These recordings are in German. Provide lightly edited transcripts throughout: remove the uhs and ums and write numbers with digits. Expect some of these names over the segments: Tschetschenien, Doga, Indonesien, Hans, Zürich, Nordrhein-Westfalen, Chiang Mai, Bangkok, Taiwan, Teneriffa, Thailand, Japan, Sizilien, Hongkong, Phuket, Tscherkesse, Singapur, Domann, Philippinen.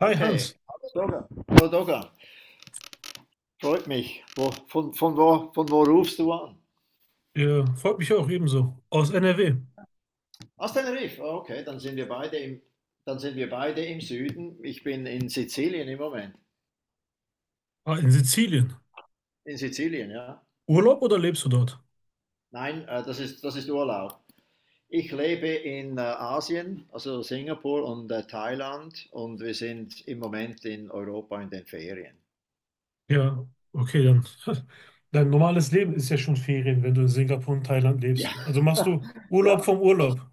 Hi Okay, Hans, Doga. Hallo Doga, freut mich. Wo, von wo rufst du an? Freut mich auch ebenso. Aus NRW. Aus Tenerife. Oh, okay, dann sind wir beide im Süden. Ich bin in Sizilien im Moment. Ah, in Sizilien. In Sizilien, ja. Urlaub oder lebst du dort? Nein, das ist Urlaub. Ich lebe in Asien, also Singapur und Thailand, und wir sind im Moment in Europa in den Ferien. Ja, okay, dann. Dein normales Leben ist ja schon Ferien, wenn du in Singapur und Thailand Ja, lebst. Also machst du Urlaub ja, vom Urlaub.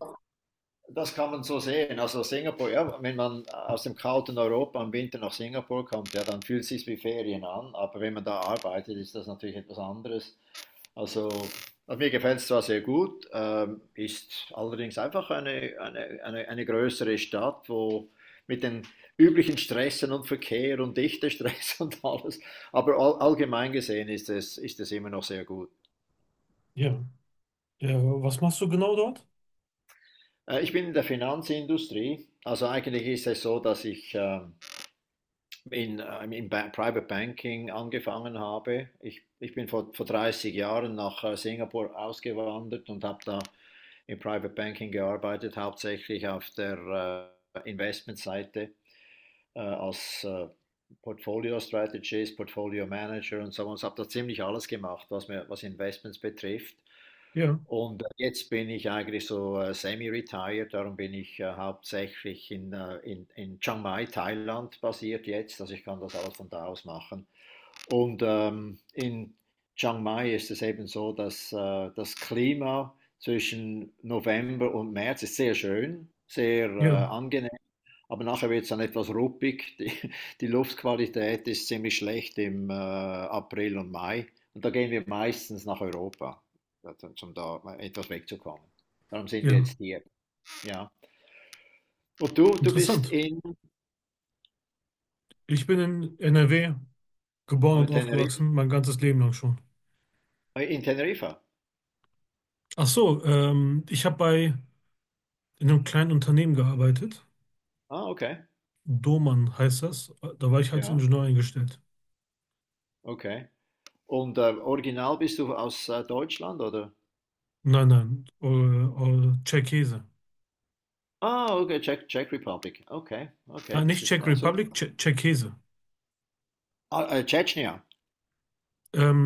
das kann man so sehen. Also Singapur, ja, wenn man aus dem kalten Europa im Winter nach Singapur kommt, ja, dann fühlt es sich wie Ferien an. Aber wenn man da arbeitet, ist das natürlich etwas anderes. Also, also mir gefällt es zwar sehr gut, ist allerdings einfach eine größere Stadt, wo mit den üblichen Stressen und Verkehr und Dichtestress und alles. Aber allgemein gesehen ist es immer noch sehr gut. Ja. Ja, was machst du genau dort? Ich bin in der Finanzindustrie. Also eigentlich ist es so, dass ich in, im ba Private Banking angefangen habe. Ich bin vor 30 Jahren nach Singapur ausgewandert und habe da im Private Banking gearbeitet, hauptsächlich auf der Investmentseite als Portfolio Strategist, Portfolio Manager und so was. Habe da ziemlich alles gemacht, was Investments betrifft. Ja, Und jetzt bin ich eigentlich so semi-retired, darum bin ich hauptsächlich in Chiang Mai, Thailand basiert jetzt, also ich kann das alles von da aus machen. Und in Chiang Mai ist es eben so, dass das Klima zwischen November und März ist sehr schön, sehr ja, angenehm. Aber nachher wird es dann etwas ruppig. Die Luftqualität ist ziemlich schlecht im April und Mai. Und da gehen wir meistens nach Europa, also, um da etwas wegzukommen. Darum sind wir ja. jetzt hier. Ja. Und du bist Interessant. in, Ich bin in NRW geboren und Teneriffa? aufgewachsen, mein ganzes Leben lang schon. In Teneriffa? Ach so, ich habe bei in einem kleinen Unternehmen gearbeitet. Ah, okay. Domann heißt das. Da war ich als Ja, Ingenieur eingestellt. okay. Und original bist du aus Deutschland, oder? Nein, Tscherkesse. Ah, okay, Czech, Czech Republic. Okay, okay, Nein, das nicht ist, Czech ja, super. Republic, Tscherkesse. Ah, Tschetschenien.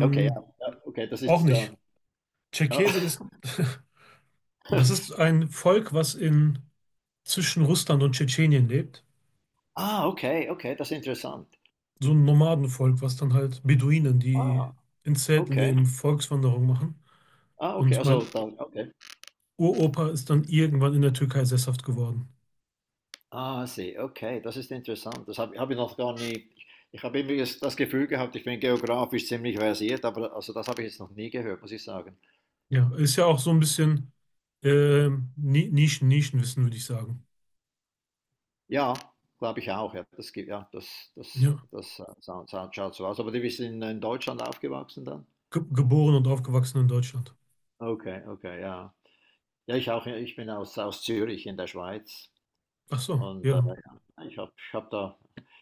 Okay, ja, ja, okay, das Auch ist, nicht. Ja. Tscherkesse ist, das ist ein Volk, was in zwischen Russland und Tschetschenien lebt. Ah, okay, okay, das ist interessant. So ein Nomadenvolk, was dann halt Beduinen, die Ah, in Zelten okay. leben, Volkswanderung machen. Ah, okay, Und also mein dann, okay. Uropa ist dann irgendwann in der Türkei sesshaft geworden. Ah, sie, okay, das ist interessant. Das habe hab ich noch gar nie. Ich habe irgendwie das Gefühl gehabt, ich bin geografisch ziemlich versiert, aber also das habe ich jetzt noch nie gehört, muss ich sagen. Ja, ist ja auch so ein bisschen Nischen, Nischenwissen, würde ich sagen. Ja, glaube ich auch. Ja, das gibt, ja, das, das, Ja, das schaut so aus. Aber die bist in Deutschland aufgewachsen dann? Ge geboren und aufgewachsen in Deutschland. Okay, okay, ja. Ja, ich auch. Ja, ich bin aus Zürich in der Schweiz. Ach so, Und ja. ja, ich hab da,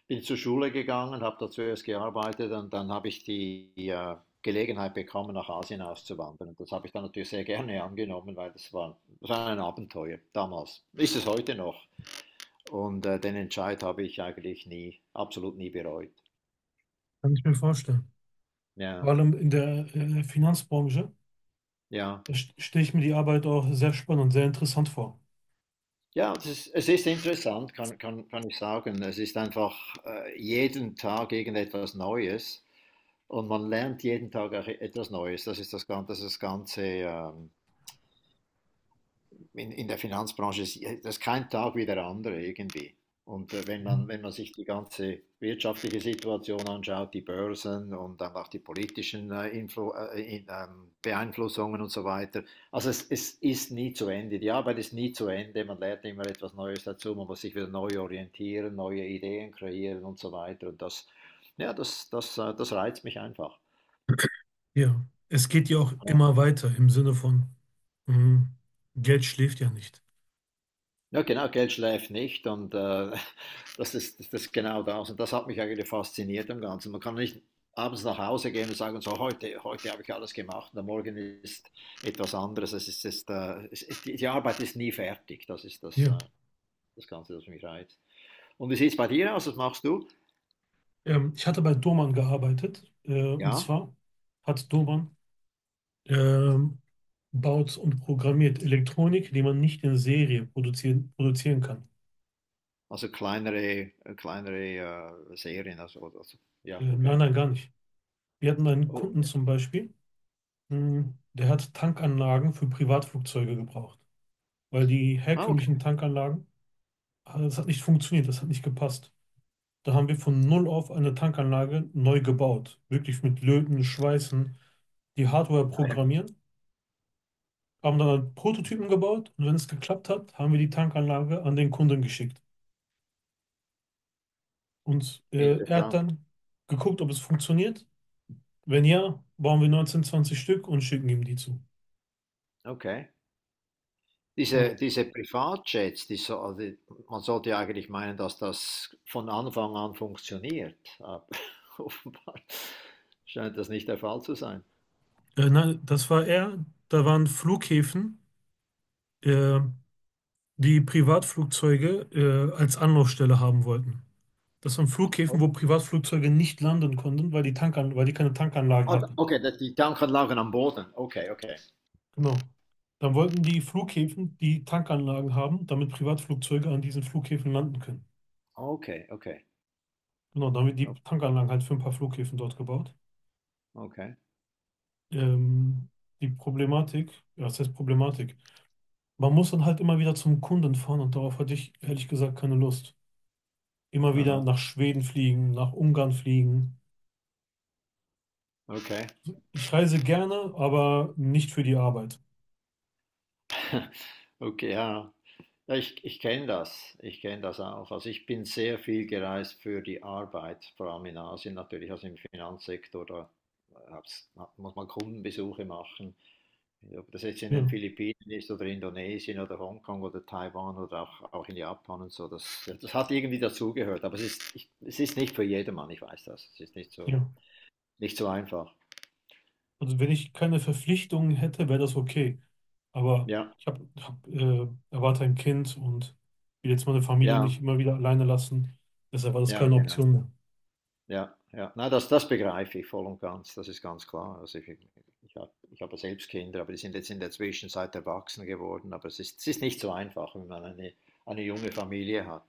bin zur Schule gegangen, habe da zuerst gearbeitet und dann habe ich die Gelegenheit bekommen, nach Asien auszuwandern. Und das habe ich dann natürlich sehr gerne angenommen, weil das war ein Abenteuer damals. Ist es heute noch. Und den Entscheid habe ich eigentlich nie, absolut nie bereut. Kann ich mir vorstellen. Vor Ja, allem in der Finanzbranche, ja. da stelle ich mir die Arbeit auch sehr spannend und sehr interessant vor. Ja, das ist, es ist interessant, kann ich sagen. Es ist einfach jeden Tag irgendetwas Neues. Und man lernt jeden Tag auch etwas Neues. Ist das Ganze in der Finanzbranche, das ist kein Tag wie der andere irgendwie. Und wenn Ja. man, wenn man sich die ganze wirtschaftliche Situation anschaut, die Börsen und dann auch die politischen Beeinflussungen und so weiter, also es ist nie zu Ende. Die Arbeit ist nie zu Ende. Man lernt immer etwas Neues dazu. Man muss sich wieder neu orientieren, neue Ideen kreieren und so weiter. Und das, ja, das reizt mich einfach. Ja. Es geht ja auch immer weiter im Sinne von, mhm, Geld schläft ja nicht. Ja, genau, Geld schläft nicht und das ist genau das. Und das hat mich eigentlich fasziniert am Ganzen. Man kann nicht abends nach Hause gehen und sagen, so heute habe ich alles gemacht und am Morgen ist etwas anderes. Die die Arbeit ist nie fertig. Ja. Das Ganze, das mich reizt. Und wie sieht es bei dir aus? Was machst du? Ich hatte bei Doman gearbeitet, und Ja, zwar hat Doman, ähm, baut und programmiert Elektronik, die man nicht in Serie produzieren kann. also kleinere, kleinere Serien. Ja, Nein, okay. nein, gar nicht. Wir hatten einen Oh, Kunden zum Beispiel. Hm. Der hat Tankanlagen für Privatflugzeuge gebraucht, weil die ah, herkömmlichen okay. Tankanlagen, ah, das hat nicht funktioniert, das hat nicht gepasst. Da haben wir von null auf eine Tankanlage neu gebaut, wirklich mit Löten, Schweißen, die Hardware Ja, ja. programmieren, haben dann Prototypen gebaut, und wenn es geklappt hat, haben wir die Tankanlage an den Kunden geschickt. Und er hat Interessant. dann geguckt, ob es funktioniert. Wenn ja, bauen wir 19, 20 Stück und schicken ihm die zu. Okay. Genau. Diese Privatjets, die so, also man sollte ja eigentlich meinen, dass das von Anfang an funktioniert, aber offenbar scheint das nicht der Fall zu sein. Nein, das war er. Da waren Flughäfen, äh, die Privatflugzeuge als Anlaufstelle haben wollten. Das waren Flughäfen, Oh, wo Privatflugzeuge nicht landen konnten, weil die Tankan weil die keine Tankanlagen ah, hatten. okay, die Tanken lagen am Boden. Okay, okay. Genau. Dann wollten die Flughäfen die Tankanlagen haben, damit Privatflugzeuge an diesen Flughäfen landen können. Okay, okay. Genau, damit die o- Tankanlagen halt für ein paar Flughäfen dort gebaut. Okay. Ähm, Die Problematik, ja, was heißt Problematik? Man muss dann halt immer wieder zum Kunden fahren, und darauf hatte ich ehrlich gesagt keine Lust. Immer wieder Aha. nach Schweden fliegen, nach Ungarn fliegen. Okay. Ich reise gerne, aber nicht für die Arbeit. Okay, ja. Ja, ich kenne das. Ich kenne das auch. Also ich bin sehr viel gereist für die Arbeit, vor allem in Asien natürlich, also im Finanzsektor. Da äh, hab's, muss man Kundenbesuche machen. Ob das jetzt in den Ja, Philippinen ist oder Indonesien oder Hongkong oder Taiwan oder auch in Japan und so, das hat irgendwie dazugehört. Aber es ist nicht für jedermann, ich weiß das. Es ist nicht so, ja. nicht so einfach. Also wenn ich keine Verpflichtungen hätte, wäre das okay. Aber Ja, ich erwarte ein Kind und will jetzt meine Familie ja, nicht immer wieder alleine lassen. Deshalb war das ja, keine genau. Option mehr. Ja, ja. Na, das begreife ich voll und ganz, das ist ganz klar. Also ich, ich habe selbst Kinder, aber die sind jetzt in der Zwischenzeit erwachsen geworden. Aber es ist nicht so einfach, wenn man eine junge Familie hat.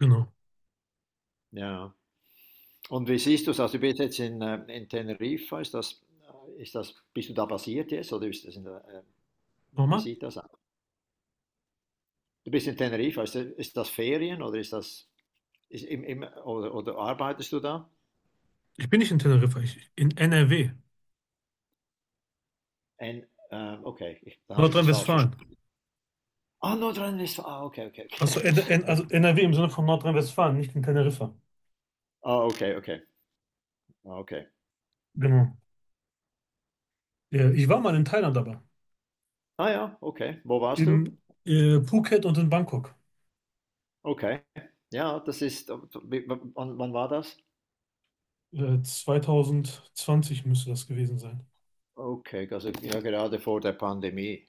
Genau. Ja. Und wie siehst du es? Also du bist jetzt in Teneriffa, ist das, bist du da basiert jetzt oder ist das in der, wie Nochmal. sieht das aus? Du bist in Teneriffa, ist das Ferien oder ist das ist im, im, oder arbeitest du da? Ich bin nicht in Teneriffa, ich in NRW, Okay, ich, dann habe ich das falsch Nordrhein-Westfalen. verstanden. Ah, Nordrhein-Westfalen, ah, okay, okay, okay. Also, N N also NRW im Sinne von Nordrhein-Westfalen, nicht in Teneriffa. Ah, okay, okay. Ah, okay. Genau. Ja, ich war mal in Thailand aber. Ah ja, okay. Wo warst du? In Phuket und in Bangkok. Okay. Ja, das ist, wann war das? 2020 müsste das gewesen sein. Okay, also ja, gerade vor der Pandemie,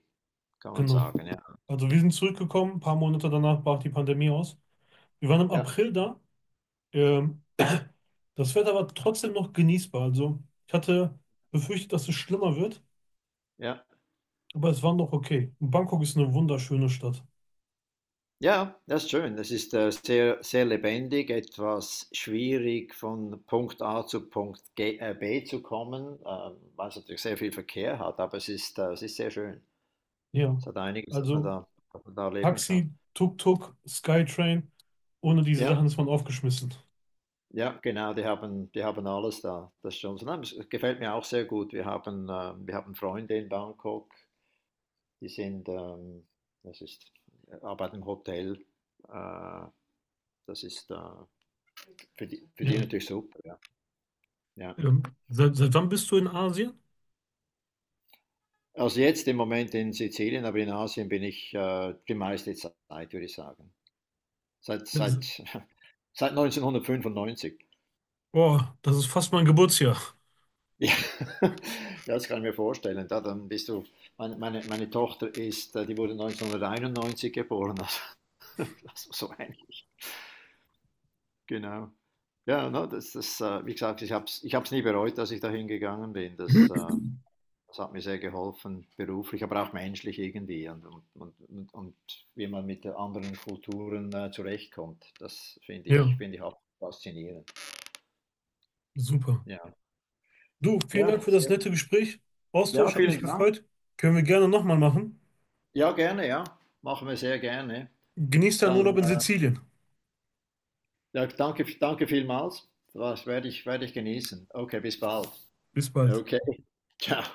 kann man Genau. sagen, ja. Also wir sind zurückgekommen, ein paar Monate danach brach die Pandemie aus. Wir waren im Ja, April da. Ähm, Das Wetter war trotzdem noch genießbar. Also ich hatte befürchtet, dass es schlimmer wird, ja. aber es war noch okay. Und Bangkok ist eine wunderschöne Stadt. Ja, das ist schön. Das ist sehr, sehr lebendig, etwas schwierig von Punkt A zu B zu kommen, weil es natürlich sehr viel Verkehr hat, aber es ist sehr schön. Ja. Es hat einiges, Also dass man da leben kann. Taxi, Tuk-Tuk, Skytrain, ohne diese Ja. Sachen ist man aufgeschmissen. Ja, genau, die haben alles da. Das ist schon so. Nein, es gefällt mir auch sehr gut. Wir haben Freunde in Bangkok, die sind, das ist, arbeiten im Hotel. Äh, das ist Für die, für die Ja. natürlich super. Ja. Ja. Ähm, seit wann bist du in Asien? Also jetzt im Moment in Sizilien, aber in Asien bin ich die meiste Zeit, würde ich sagen. Seit, Ja, seit, seit 1995. boah, das ist fast mein Geburtsjahr. Ja, das kann ich mir vorstellen. Da, dann bist du, meine Tochter ist, die wurde 1991 geboren, also, also so ähnlich, genau. Ja, no, wie gesagt, ich habe es ich hab's nie bereut, dass ich dahin gegangen bin. Das hat mir sehr geholfen, beruflich, aber auch menschlich irgendwie und wie man mit anderen Kulturen zurechtkommt. Ja. Finde ich auch faszinierend. Super. Ja, Du, vielen ja, Dank für das sehr- nette Gespräch. ja, Austausch hat mich vielen Dank. gefreut. Können wir gerne nochmal machen. Ja, gerne, ja, machen wir sehr gerne. Genießt deinen Dann Urlaub in Sizilien. ja, danke, danke vielmals. Werde ich genießen. Okay, bis bald. Bis bald. Okay, ciao.